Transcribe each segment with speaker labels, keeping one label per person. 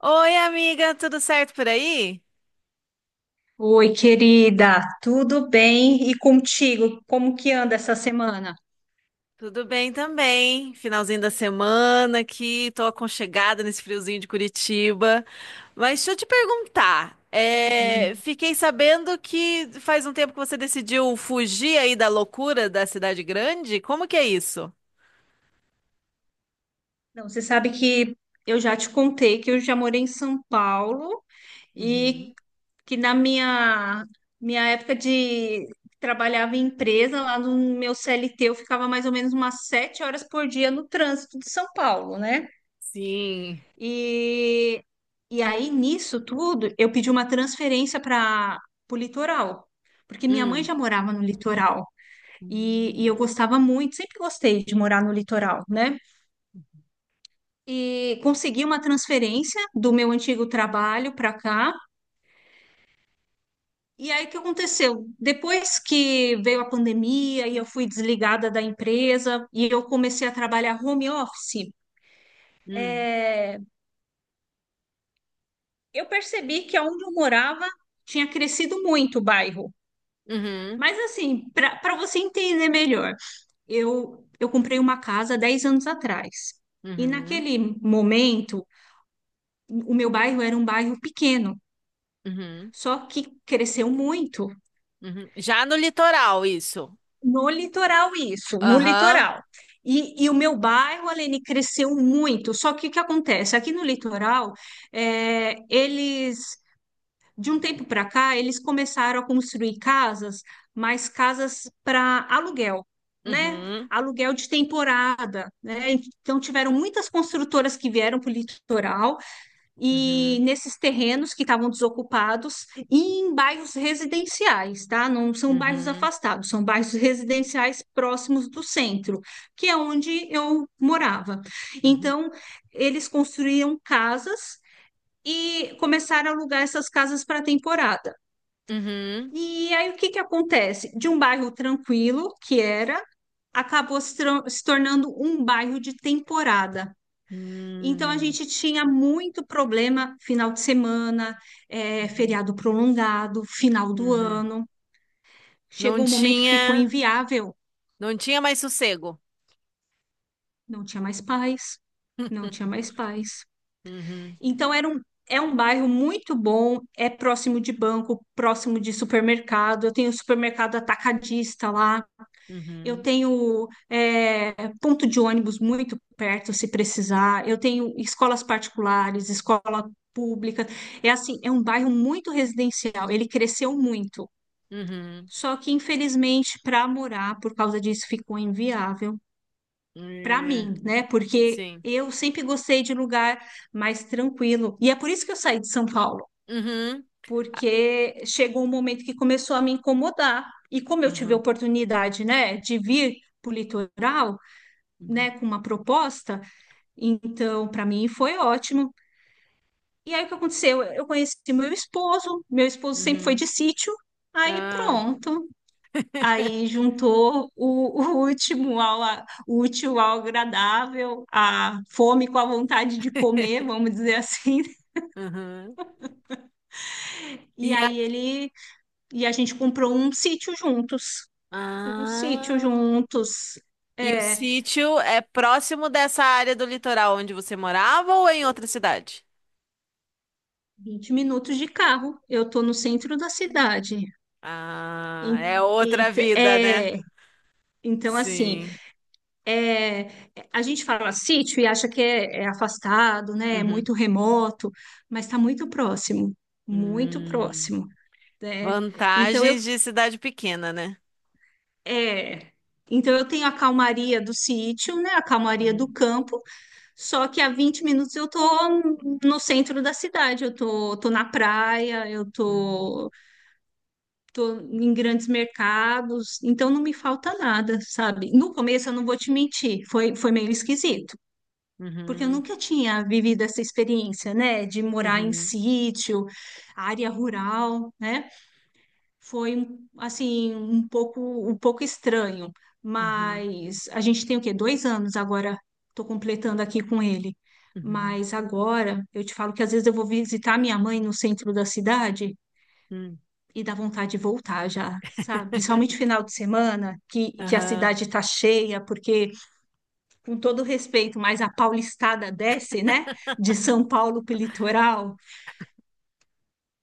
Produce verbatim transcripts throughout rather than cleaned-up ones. Speaker 1: Oi, amiga, tudo certo por aí?
Speaker 2: Oi, querida, tudo bem? E contigo? Como que anda essa semana?
Speaker 1: Tudo bem também. Finalzinho da semana aqui, tô aconchegada nesse friozinho de Curitiba. Mas deixa eu te perguntar,
Speaker 2: Imagino.
Speaker 1: é, fiquei sabendo que faz um tempo que você decidiu fugir aí da loucura da cidade grande. Como que é isso?
Speaker 2: Não, você sabe que eu já te contei que eu já morei em São Paulo
Speaker 1: Uhum.
Speaker 2: e que na minha, minha época de trabalhava em empresa, lá no meu C L T, eu ficava mais ou menos umas sete horas por dia no trânsito de São Paulo, né?
Speaker 1: Sim.
Speaker 2: E, e aí, nisso tudo, eu pedi uma transferência para o litoral, porque minha mãe
Speaker 1: Hum.
Speaker 2: já morava no litoral. E, e
Speaker 1: Hum.
Speaker 2: eu gostava muito, sempre gostei de morar no litoral, né? E consegui uma transferência do meu antigo trabalho para cá. E aí, o que aconteceu? Depois que veio a pandemia e eu fui desligada da empresa e eu comecei a trabalhar home office,
Speaker 1: Hum.
Speaker 2: é, eu percebi que onde eu morava tinha crescido muito o bairro.
Speaker 1: Uhum.
Speaker 2: Mas, assim, para para você entender melhor, eu, eu comprei uma casa dez anos atrás. E
Speaker 1: Uhum.
Speaker 2: naquele momento, o meu bairro era um bairro pequeno,
Speaker 1: Uhum.
Speaker 2: só que cresceu muito
Speaker 1: Uhum. Já no litoral, isso.
Speaker 2: no litoral isso, no
Speaker 1: Aham.
Speaker 2: litoral. E, e o meu bairro, Aline, cresceu muito. Só que o que acontece? Aqui no litoral, é, eles, de um tempo para cá, eles começaram a construir casas, mas casas para aluguel, né?
Speaker 1: Uhum.
Speaker 2: Aluguel de temporada, né? Então tiveram muitas construtoras que vieram para o litoral e
Speaker 1: Uhum.
Speaker 2: nesses terrenos que estavam desocupados e em bairros residenciais, tá? Não são bairros
Speaker 1: Uhum.
Speaker 2: afastados, são bairros residenciais próximos do centro, que é onde eu morava.
Speaker 1: Uhum.
Speaker 2: Então, eles construíam casas e começaram a alugar essas casas para temporada.
Speaker 1: Uhum.
Speaker 2: E aí o que que acontece? De um bairro tranquilo que era, acabou se tran- se tornando um bairro de temporada. Então, a
Speaker 1: Hum.
Speaker 2: gente tinha muito problema final de semana, eh,
Speaker 1: Uhum.
Speaker 2: feriado prolongado, final do
Speaker 1: Uhum.
Speaker 2: ano.
Speaker 1: Não
Speaker 2: Chegou um momento que ficou
Speaker 1: tinha,
Speaker 2: inviável,
Speaker 1: não tinha mais sossego.
Speaker 2: não tinha mais paz, não tinha mais paz.
Speaker 1: Uhum.
Speaker 2: Então, era um, é um bairro muito bom, é próximo de banco, próximo de supermercado. Eu tenho supermercado atacadista lá. Eu
Speaker 1: Uhum.
Speaker 2: tenho é, ponto de ônibus muito perto, se precisar. Eu tenho escolas particulares, escola pública. É assim, é um bairro muito residencial. Ele cresceu muito.
Speaker 1: Uhum.
Speaker 2: Só que, infelizmente, para morar, por causa disso, ficou inviável para
Speaker 1: É,
Speaker 2: mim, né? Porque
Speaker 1: sim.
Speaker 2: eu sempre gostei de lugar mais tranquilo. E é por isso que eu saí de São Paulo,
Speaker 1: Uhum.
Speaker 2: porque chegou um momento que começou a me incomodar. E como eu tive a
Speaker 1: Uhum.
Speaker 2: oportunidade, né, de vir para o litoral,
Speaker 1: Uhum.
Speaker 2: né, com uma proposta. Então, para mim foi ótimo. E aí o que aconteceu? Eu conheci meu esposo, meu esposo sempre foi
Speaker 1: Uhum.
Speaker 2: de sítio, aí
Speaker 1: Ah.
Speaker 2: pronto. Aí juntou o, o último ao, a- o útil ao agradável, a fome com a vontade de comer, vamos dizer assim.
Speaker 1: Uhum.
Speaker 2: E
Speaker 1: E a...
Speaker 2: aí ele e a gente comprou um sítio juntos, um sítio
Speaker 1: Ah.
Speaker 2: juntos.
Speaker 1: E o
Speaker 2: É,
Speaker 1: sítio é próximo dessa área do litoral onde você morava ou é em outra cidade?
Speaker 2: vinte minutos de carro. Eu tô no
Speaker 1: Uhum.
Speaker 2: centro da cidade. E,
Speaker 1: Ah, é outra
Speaker 2: e,
Speaker 1: vida, né?
Speaker 2: é, Então, assim,
Speaker 1: Sim.
Speaker 2: é, a gente fala sítio e acha que é, é afastado, né? É
Speaker 1: Uhum.
Speaker 2: muito remoto, mas está muito próximo, muito
Speaker 1: Hum.
Speaker 2: próximo, né? Então eu,
Speaker 1: Vantagens de cidade pequena, né?
Speaker 2: é, então eu tenho a calmaria do sítio, né? A calmaria do
Speaker 1: Uhum,
Speaker 2: campo, só que a vinte minutos eu tô no centro da cidade, eu tô, tô na praia, eu
Speaker 1: uhum,
Speaker 2: tô, tô em grandes mercados, então não me falta nada, sabe? No começo eu não vou te mentir, foi, foi meio esquisito. Porque eu
Speaker 1: uhum,
Speaker 2: nunca tinha vivido essa experiência, né, de morar em
Speaker 1: uhum,
Speaker 2: sítio, área rural, né? Foi um- assim um pouco um pouco estranho,
Speaker 1: uhum,
Speaker 2: mas a gente tem o quê? Dois anos agora. Estou completando aqui com ele.
Speaker 1: uhum,
Speaker 2: Mas agora eu te falo que às vezes eu vou visitar minha mãe no centro da cidade
Speaker 1: uhum.
Speaker 2: e dá vontade de voltar já, sabe? Principalmente final de semana, que, que a
Speaker 1: Aham,
Speaker 2: cidade está cheia, porque com todo respeito, mas a paulistada desce, né? De São Paulo para o litoral,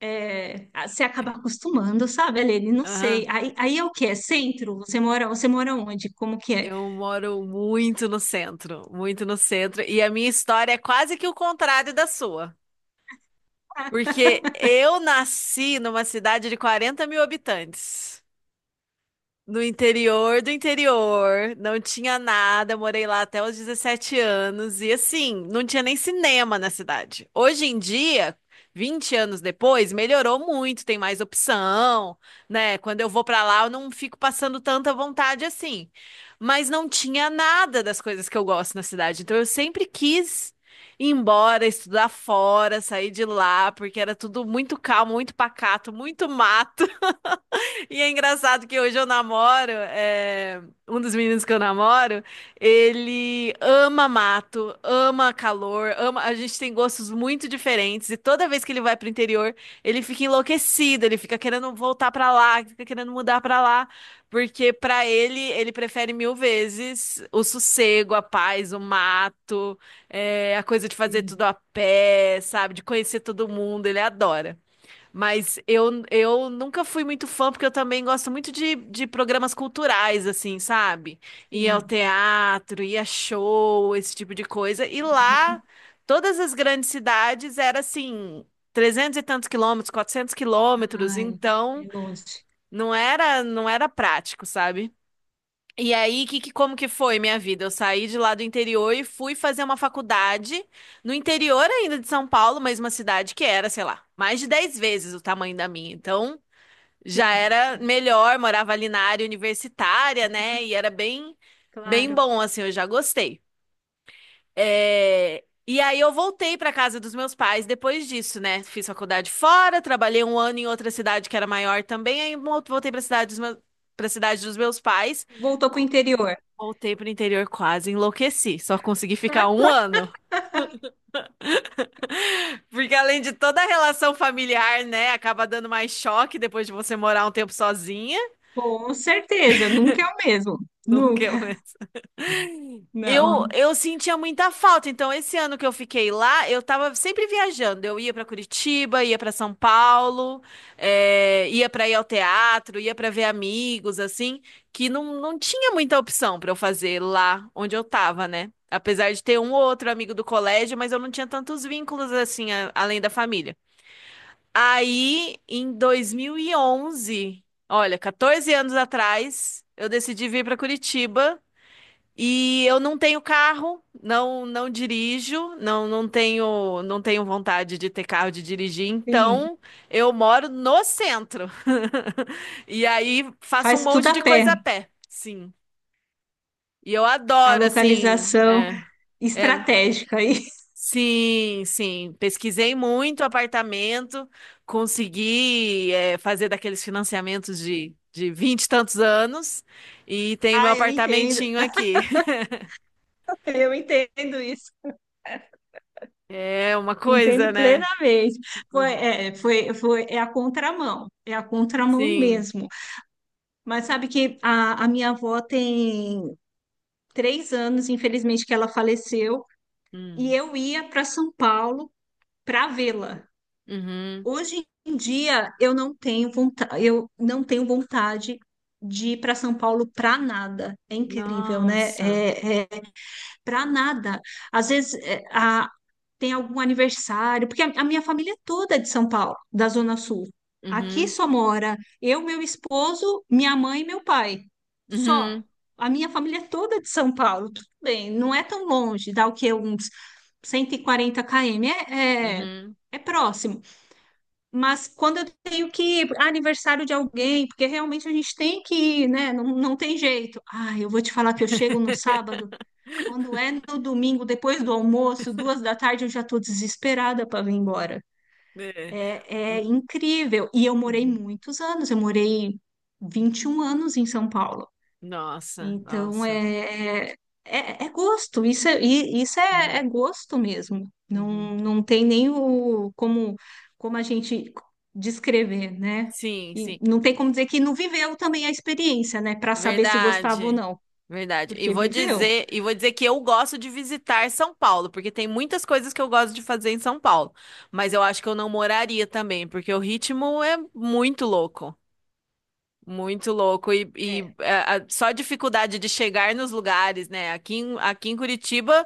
Speaker 2: é, você acaba acostumando, sabe, Aline? Não sei.
Speaker 1: aham.
Speaker 2: Aí, aí é o que? É centro? Você mora, você mora onde? Como que é?
Speaker 1: Eu moro muito no centro, muito no centro, e a minha história é quase que o contrário da sua, porque eu nasci numa cidade de 40 mil habitantes. No interior do interior, não tinha nada. Eu morei lá até os dezessete anos e assim, não tinha nem cinema na cidade. Hoje em dia, vinte anos depois, melhorou muito, tem mais opção, né? Quando eu vou pra lá, eu não fico passando tanta vontade assim. Mas não tinha nada das coisas que eu gosto na cidade. Então eu sempre quis ir embora, estudar fora, sair de lá, porque era tudo muito calmo, muito pacato, muito mato. E é engraçado que hoje eu namoro, é, um dos meninos que eu namoro, ele ama mato, ama calor, ama. A gente tem gostos muito diferentes e toda vez que ele vai pro interior, ele fica enlouquecido, ele fica querendo voltar pra lá, fica querendo mudar pra lá, porque pra ele ele prefere mil vezes o sossego, a paz, o mato, é, a coisa de fazer
Speaker 2: Sim,
Speaker 1: tudo a pé, sabe, de conhecer todo mundo, ele adora. Mas eu, eu nunca fui muito fã, porque eu também gosto muito de, de programas culturais, assim, sabe? Ir ao
Speaker 2: sim.
Speaker 1: teatro, ir a show, esse tipo de coisa. E lá, todas as grandes cidades era assim, trezentos e tantos quilômetros, quatrocentos quilômetros.
Speaker 2: Ai,
Speaker 1: Então,
Speaker 2: é longe.
Speaker 1: não era, não era prático, sabe? E aí, que, que- como que foi minha vida? Eu saí de lá do interior e fui fazer uma faculdade no interior ainda de São Paulo, mas uma cidade que era, sei lá, mais de dez vezes o tamanho da minha. Então, já
Speaker 2: Sim,
Speaker 1: era
Speaker 2: sim.
Speaker 1: melhor, morava ali na área universitária,
Speaker 2: Aham,
Speaker 1: né? E era bem, bem
Speaker 2: claro.
Speaker 1: bom, assim, eu já gostei. É. E aí eu voltei para casa dos meus pais depois disso, né? Fiz faculdade fora, trabalhei um ano em outra cidade que era maior também, aí mo- voltei para cidade dos meus, para cidade dos meus pais.
Speaker 2: Voltou para o interior.
Speaker 1: Voltei pro interior quase enlouqueci. Só consegui ficar um
Speaker 2: Hã?
Speaker 1: ano. Porque além de toda a relação familiar, né? Acaba dando mais choque depois de você morar um tempo sozinha.
Speaker 2: Com certeza, nunca é o mesmo.
Speaker 1: Não que
Speaker 2: Nunca.
Speaker 1: eu, né? Eu,
Speaker 2: Não.
Speaker 1: eu sentia muita falta. Então, esse ano que eu fiquei lá, eu tava sempre viajando. Eu ia pra Curitiba, ia pra São Paulo, eh, ia pra ir ao teatro, ia pra ver amigos, assim, que não, não tinha muita opção pra eu fazer lá onde eu tava, né? Apesar de ter um ou outro amigo do colégio, mas eu não tinha tantos vínculos assim, a- além da família. Aí, em dois mil e onze, olha, catorze anos atrás, eu decidi vir para Curitiba. E eu não tenho carro, não não dirijo, não não tenho não tenho vontade de ter carro de dirigir,
Speaker 2: Sim.
Speaker 1: então eu moro no centro. E aí faço um
Speaker 2: Faz tudo
Speaker 1: monte
Speaker 2: a
Speaker 1: de
Speaker 2: pé.
Speaker 1: coisa a pé, sim. E eu
Speaker 2: A
Speaker 1: adoro assim,
Speaker 2: localização
Speaker 1: é, é,
Speaker 2: estratégica aí.
Speaker 1: sim, sim. Pesquisei muito apartamento, consegui é, fazer daqueles financiamentos de de vinte e tantos anos e tenho meu
Speaker 2: Ah, eu entendo.
Speaker 1: apartamentinho aqui.
Speaker 2: Eu entendo isso,
Speaker 1: É uma
Speaker 2: entendo
Speaker 1: coisa, né?
Speaker 2: plenamente. Foi,
Speaker 1: Uhum.
Speaker 2: é, foi, foi, é a contramão, é a contramão
Speaker 1: Sim.
Speaker 2: mesmo. Mas sabe que a, a minha avó tem três anos, infelizmente, que ela faleceu, e
Speaker 1: Hum.
Speaker 2: eu ia para São Paulo para vê-la.
Speaker 1: Uhum.
Speaker 2: Hoje em dia eu não tenho vontade, eu não tenho vontade de ir para São Paulo para nada. É incrível, né?
Speaker 1: Nossa.
Speaker 2: É, é, para nada. Às vezes é, a- tem algum aniversário, porque a, a minha família é toda é de São Paulo, da Zona Sul. Aqui
Speaker 1: Uhum.
Speaker 2: só mora eu, meu esposo, minha mãe e meu pai. Só.
Speaker 1: Uhum.
Speaker 2: A minha família é toda é de São Paulo. Tudo bem, não é tão longe, dá o quê? Uns cento e quarenta km. É, é,
Speaker 1: Uhum.
Speaker 2: é próximo. Mas quando eu tenho que ir para aniversário de alguém, porque realmente a gente tem que ir, né? Não, não tem jeito. Ah, eu vou te falar que eu chego no sábado, quando é no domingo, depois do almoço, duas da tarde, eu já estou desesperada para vir embora.
Speaker 1: É.
Speaker 2: É, é
Speaker 1: Hum,
Speaker 2: incrível. E eu morei
Speaker 1: uhum.
Speaker 2: muitos anos, eu morei vinte e um anos em São Paulo.
Speaker 1: Nossa,
Speaker 2: Então,
Speaker 1: nossa.
Speaker 2: é, é, é é gosto, isso é, e- isso é,
Speaker 1: Uhum.
Speaker 2: é gosto mesmo.
Speaker 1: Uhum.
Speaker 2: Não, não tem nem o, como, como a gente descrever, né?
Speaker 1: Sim,
Speaker 2: E
Speaker 1: sim.
Speaker 2: não tem como dizer que não viveu também a experiência, né? Para saber se gostava ou
Speaker 1: Verdade.
Speaker 2: não,
Speaker 1: Verdade. E
Speaker 2: porque
Speaker 1: vou
Speaker 2: viveu.
Speaker 1: dizer, e vou dizer que eu gosto de visitar São Paulo, porque tem muitas coisas que eu gosto de fazer em São Paulo, mas eu acho que eu não moraria também, porque o ritmo é muito louco. Muito louco. E, e, é, a- só a dificuldade de chegar nos lugares, né? Aqui, em- aqui em Curitiba,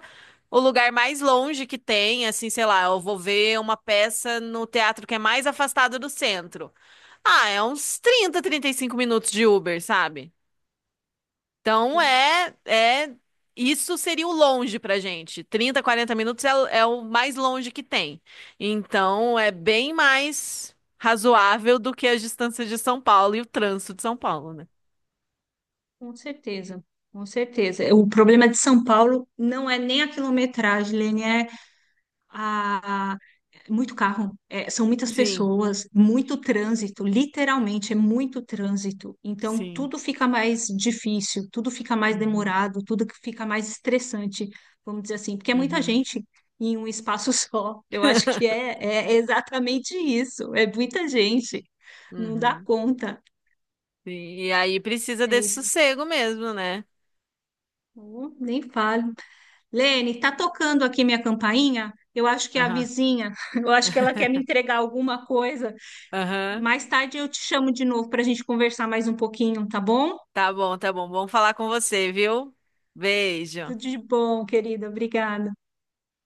Speaker 1: o lugar mais longe que tem, assim, sei lá, eu vou ver uma peça no teatro que é mais afastado do centro. Ah, é uns trinta, trinta e cinco minutos de Uber, sabe? Então
Speaker 2: Sim,
Speaker 1: é, é, isso seria o longe pra gente. Trinta, quarenta minutos é, o- é o mais longe que tem. Então é bem mais razoável do que as distâncias de São Paulo e o trânsito de São Paulo, né?
Speaker 2: com certeza, com certeza. O problema de São Paulo não é nem a quilometragem, Lene, é a- muito carro, é, são muitas
Speaker 1: Sim,
Speaker 2: pessoas, muito trânsito, literalmente é muito trânsito. Então
Speaker 1: sim.
Speaker 2: tudo fica mais difícil, tudo fica mais
Speaker 1: Uhum,
Speaker 2: demorado, tudo que fica mais estressante, vamos dizer assim, porque é muita
Speaker 1: uhum.
Speaker 2: gente em um espaço só. Eu acho que é, é exatamente isso, é muita gente, não dá
Speaker 1: Uhum.
Speaker 2: conta.
Speaker 1: Sim. E aí precisa
Speaker 2: É
Speaker 1: desse
Speaker 2: isso.
Speaker 1: sossego mesmo, né?
Speaker 2: Oh, nem falo. Lene, tá tocando aqui minha campainha? Eu acho que é a
Speaker 1: Aham.
Speaker 2: vizinha, eu acho que ela quer me entregar alguma coisa.
Speaker 1: Aham.
Speaker 2: Mais tarde eu te chamo de novo para a gente conversar mais um pouquinho, tá bom?
Speaker 1: Tá bom, tá bom. Vamos falar com você, viu? Beijo.
Speaker 2: Tudo de bom, querida. Obrigada.